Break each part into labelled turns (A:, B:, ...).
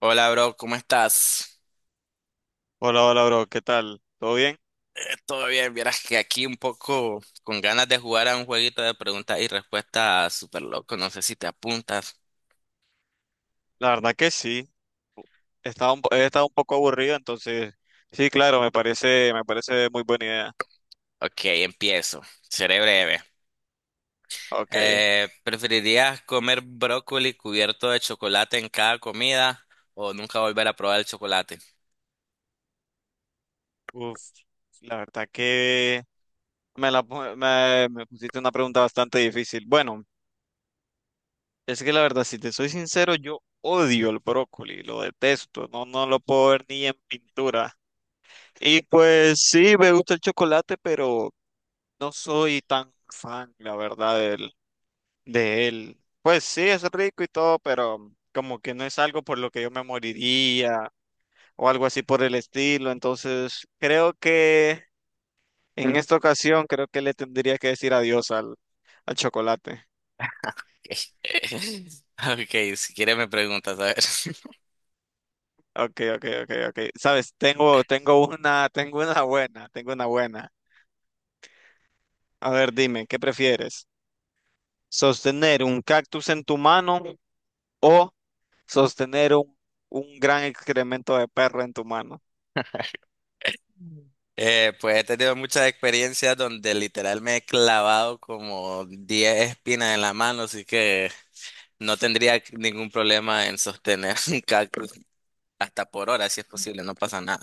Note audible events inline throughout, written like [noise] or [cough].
A: Hola, bro, ¿cómo estás?
B: Hola, hola, bro, ¿qué tal? ¿Todo bien?
A: Eh, todo bien, vieras que aquí un poco con ganas de jugar a un jueguito de preguntas y respuestas súper loco, no sé si te apuntas.
B: La verdad que sí, he estado un poco aburrido, entonces sí, claro, me parece muy buena idea.
A: Ok, empiezo, seré breve.
B: Ok,
A: ¿Preferirías comer brócoli cubierto de chocolate en cada comida o nunca volver a probar el chocolate?
B: uf, la verdad que me, la, pu- me pusiste una pregunta bastante difícil. Bueno, es que la verdad, si te soy sincero, yo odio el brócoli, lo detesto, no lo puedo ver ni en pintura. Y pues sí, me gusta el chocolate, pero no soy tan fan, la verdad, de él. Pues sí, es rico y todo, pero como que no es algo por lo que yo me moriría o algo así por el estilo. Entonces, creo que en esta ocasión, creo que le tendría que decir adiós al chocolate.
A: [laughs] Ok, si quieres me preguntas, a ver. [laughs]
B: Ok, ok, ok, ok. Sabes, tengo una buena. A ver, dime, ¿qué prefieres? ¿Sostener un cactus en tu mano o sostener un gran excremento de perro en tu mano?
A: Pues he tenido muchas experiencias donde literal me he clavado como 10 espinas en la mano, así que no tendría ningún problema en sostener [laughs] un cactus hasta por hora, si es posible, no pasa nada.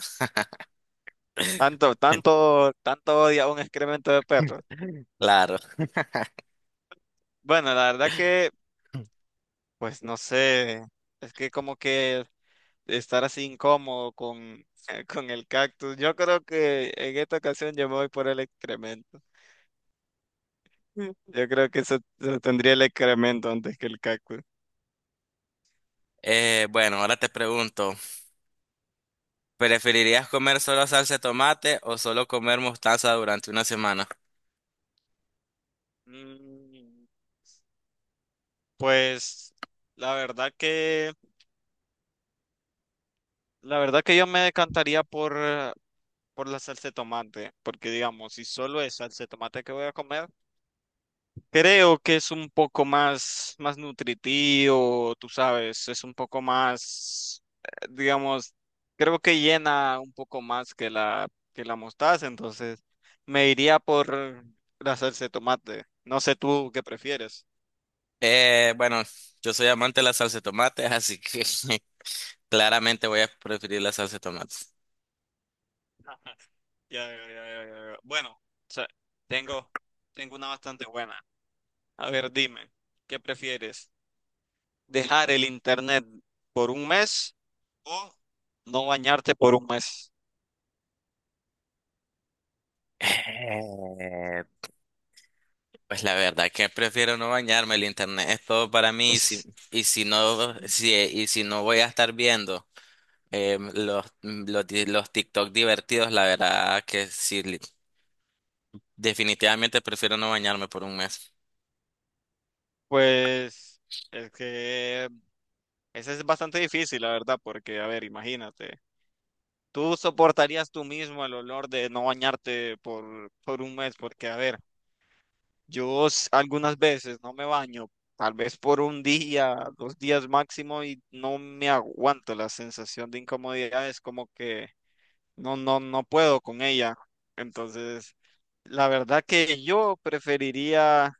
B: Tanto odia un excremento de perro.
A: Claro.
B: Bueno, pues no sé, es que como que estar así incómodo con, [laughs] con el cactus. Yo creo que en esta ocasión yo me voy por el excremento. Mm. Yo creo que eso tendría el excremento antes que el cactus.
A: Bueno, ahora te pregunto, ¿preferirías comer solo salsa de tomate o solo comer mostaza durante una semana?
B: Mm, Pues la verdad que, la verdad que yo me decantaría por la salsa de tomate, porque digamos, si solo es salsa de tomate que voy a comer. Creo que es más nutritivo, tú sabes, es un poco más, digamos, creo que llena un poco más que que la mostaza, entonces me iría por la salsa de tomate. No sé tú qué prefieres.
A: Bueno, yo soy amante de la salsa de tomate, así que [laughs] claramente voy a preferir la salsa de tomate.
B: Ya, ya, ya, ya, ya, ya. Bueno, o sea, tengo, tengo una bastante buena. A ver, dime, ¿qué prefieres? ¿Dejar el internet por un mes o no bañarte por un mes?
A: Eh, Pues la verdad que prefiero no bañarme, el internet es todo para mí,
B: [laughs]
A: si, y si no voy a estar viendo, los, mm, los, di- los TikTok divertidos, la verdad que sí, definitivamente prefiero no bañarme por un mes.
B: Pues es que ese es bastante difícil, la verdad, porque, a ver, imagínate, tú soportarías tú mismo el olor de no bañarte por un mes, porque, a ver, yo s- algunas veces no me baño, tal vez por un día, dos días máximo, y no me aguanto la sensación de incomodidad, es como que no puedo con ella. Entonces, la verdad que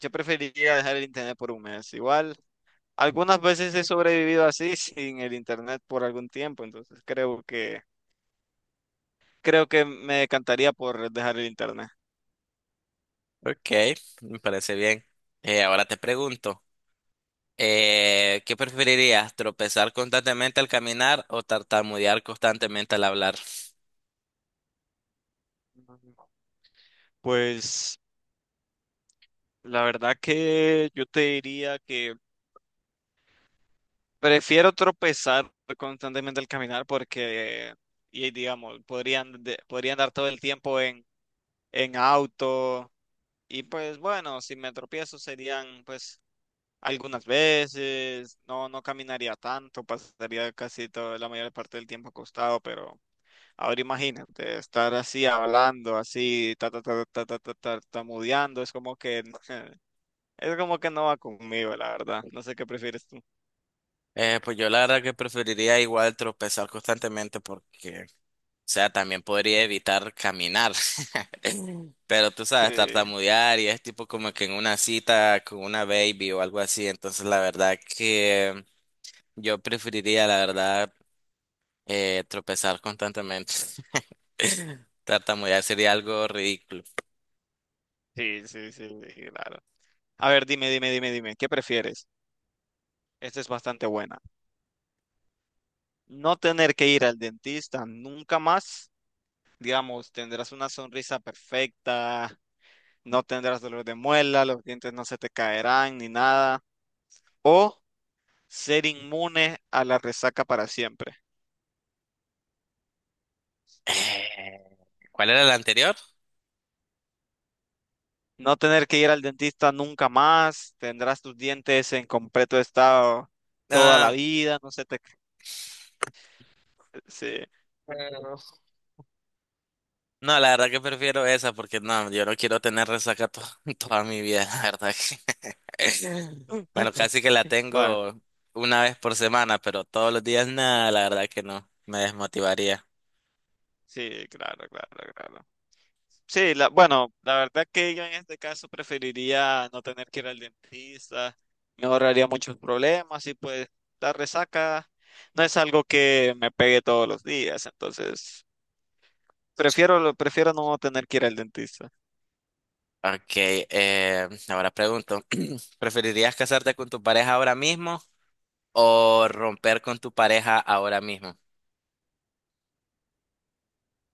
B: yo preferiría dejar el internet por un mes, igual. Algunas veces he sobrevivido así [laughs] sin el internet por algún tiempo, entonces creo que me decantaría por dejar el internet.
A: Ok, me parece bien. Ahora te pregunto, ¿qué preferirías, tropezar constantemente al caminar o tartamudear constantemente al hablar?
B: Ujú. Pues la verdad que yo te diría que prefiero tropezar constantemente al caminar porque y digamos, podría andar todo el tiempo en auto y pues bueno, si me tropiezo serían pues algunas veces, no caminaría tanto, pasaría casi toda la mayor parte del tiempo acostado, pero ahora imagínate, estar así hablando, así, ta, ta, ta, ta, ta, ta, tartamudeando, es como que, [laughs] es como que no va conmigo, la verdad. No sé qué prefieres tú.
A: Pues yo la verdad que preferiría igual tropezar constantemente, porque, o sea, también podría evitar caminar. [laughs] Pero tú
B: Sí,
A: sabes, tartamudear y es tipo como que en una cita con una baby o algo así. Entonces, la verdad que yo preferiría, la verdad, tropezar constantemente. [laughs] Tartamudear sería algo ridículo.
B: sí, sí, sí, sí, claro. A ver, dime, dime, dime, dime, ¿qué prefieres? Esta es bastante buena. No tener que ir al dentista nunca más, digamos, tendrás una sonrisa perfecta, no tendrás dolor de muela, los dientes no se te caerán ni nada. O ser inmune a la resaca para siempre.
A: Eh, ¿Cuál era la anterior?
B: No tener que ir al dentista nunca más, tendrás tus dientes en completo estado toda la
A: Ah,
B: vida, no se te... Sí. [clears throat]
A: eh, no, la verdad que prefiero esa porque no, yo no quiero tener resaca [laughs] toda mi vida, la verdad que. Bueno,
B: [laughs]
A: casi que la
B: Bueno,
A: tengo una vez por semana, pero todos los días nada, la verdad que no, me desmotivaría.
B: sí, claro, claro, claro. Sí, la verdad que yo en este caso preferiría no tener que ir al dentista, me ahorraría muchos problemas y pues la resaca no es algo que me pegue todos los días, entonces prefiero no tener que ir al dentista.
A: Ok, ahora pregunto, [clears throat] ¿preferirías casarte con tu pareja ahora mismo o romper con tu pareja ahora mismo?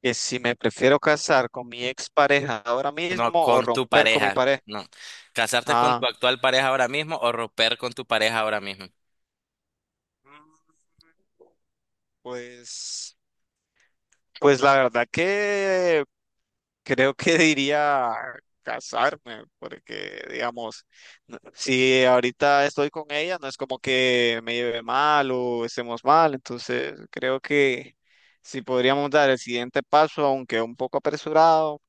B: Que si me prefiero casar con mi expareja ahora
A: No,
B: mismo o
A: con tu
B: romper con mi
A: pareja,
B: pareja.
A: no. ¿Casarte con
B: Ah,
A: tu actual pareja ahora mismo o romper con tu pareja ahora mismo?
B: mm, pues, pues la verdad que creo que diría casarme, porque digamos, n- si ahorita estoy con ella, no es como que me lleve mal o estemos mal, entonces creo que si podríamos dar el siguiente paso, aunque un poco apresurado,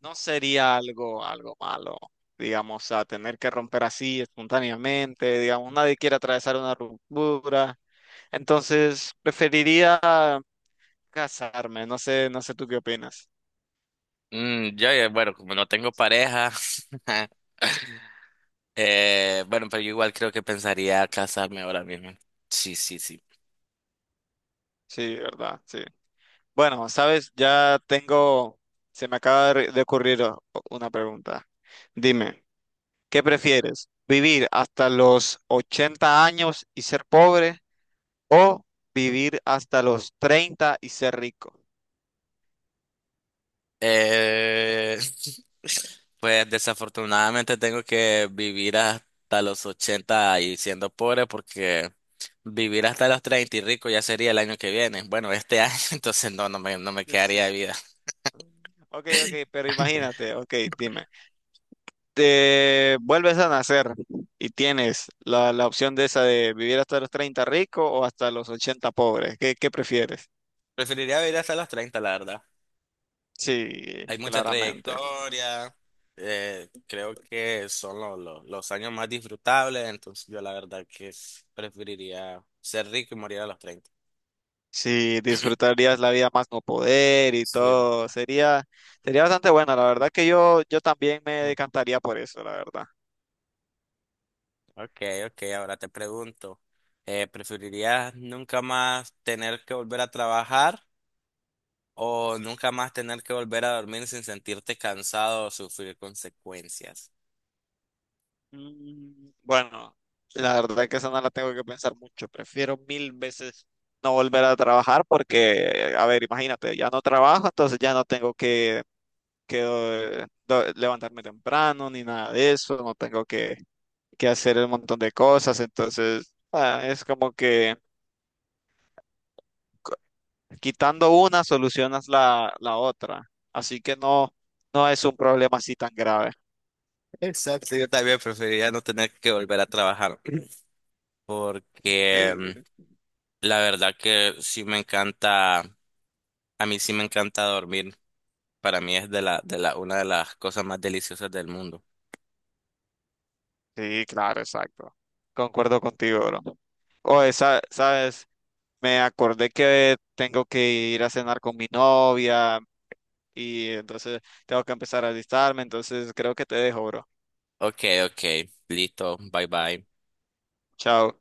B: no sería algo malo, digamos, a tener que romper así espontáneamente, digamos, nadie quiere atravesar una ruptura, entonces preferiría casarme, no sé tú qué opinas.
A: Yo, bueno, como no tengo pareja, [laughs] bueno, pero yo igual creo que pensaría casarme ahora mismo. Sí, sí, sí.
B: Sí, verdad, sí. Bueno, sabes, ya tengo, se me acaba de ocurrir una pregunta. Dime, ¿qué prefieres? ¿Vivir hasta los 80 años y ser pobre o vivir hasta los 30 y ser rico?
A: Eh, [laughs] pues desafortunadamente tengo que vivir hasta los 80 y siendo pobre, porque vivir hasta los 30 y rico ya sería el año que viene. Bueno, este año, [laughs] entonces no, no me
B: [laughs] Es-
A: quedaría de
B: es-
A: vida.
B: Ok, ok, pero
A: [laughs]
B: imagínate, ok, dime, te vuelves a nacer y tienes la opción de esa de vivir hasta los 30 rico o hasta los 80 pobre. Qué prefieres?
A: Preferiría vivir hasta los 30, la verdad.
B: Sí,
A: Hay mucha
B: claramente.
A: trayectoria, creo que son los años más disfrutables, entonces yo la verdad que preferiría ser rico y morir a los 30.
B: Sí, disfrutarías la vida más no poder y
A: Sí.
B: todo. Sería bastante buena. La verdad que yo también me decantaría por eso, la verdad.
A: Ok, ok, ahora te pregunto, ¿preferirías nunca más tener que volver a trabajar o nunca más tener que volver a dormir sin sentirte cansado o sufrir consecuencias?
B: Mm, bueno, la verdad que esa no la tengo que pensar mucho. Prefiero mil veces no volver a trabajar
A: Mm.
B: porque, a ver, imagínate, ya no trabajo, entonces ya no tengo que levantarme temprano ni nada de eso. No tengo que hacer un montón de cosas. Entonces, ah, es como que. Quitando una, solucionas la otra. Así que no, no es un problema así tan grave.
A: Exacto, yo también preferiría no tener que volver a trabajar, porque
B: Sí,
A: la verdad que sí me encanta, a mí sí me encanta dormir, para mí es una de las cosas más deliciosas del mundo.
B: sí, claro, exacto. Concuerdo contigo, bro. Oye, sa- sabes, me acordé que tengo que ir a cenar con mi novia y entonces tengo que empezar a alistarme, entonces creo que te dejo, bro.
A: Ok, ok, listo, bye bye.
B: Chao.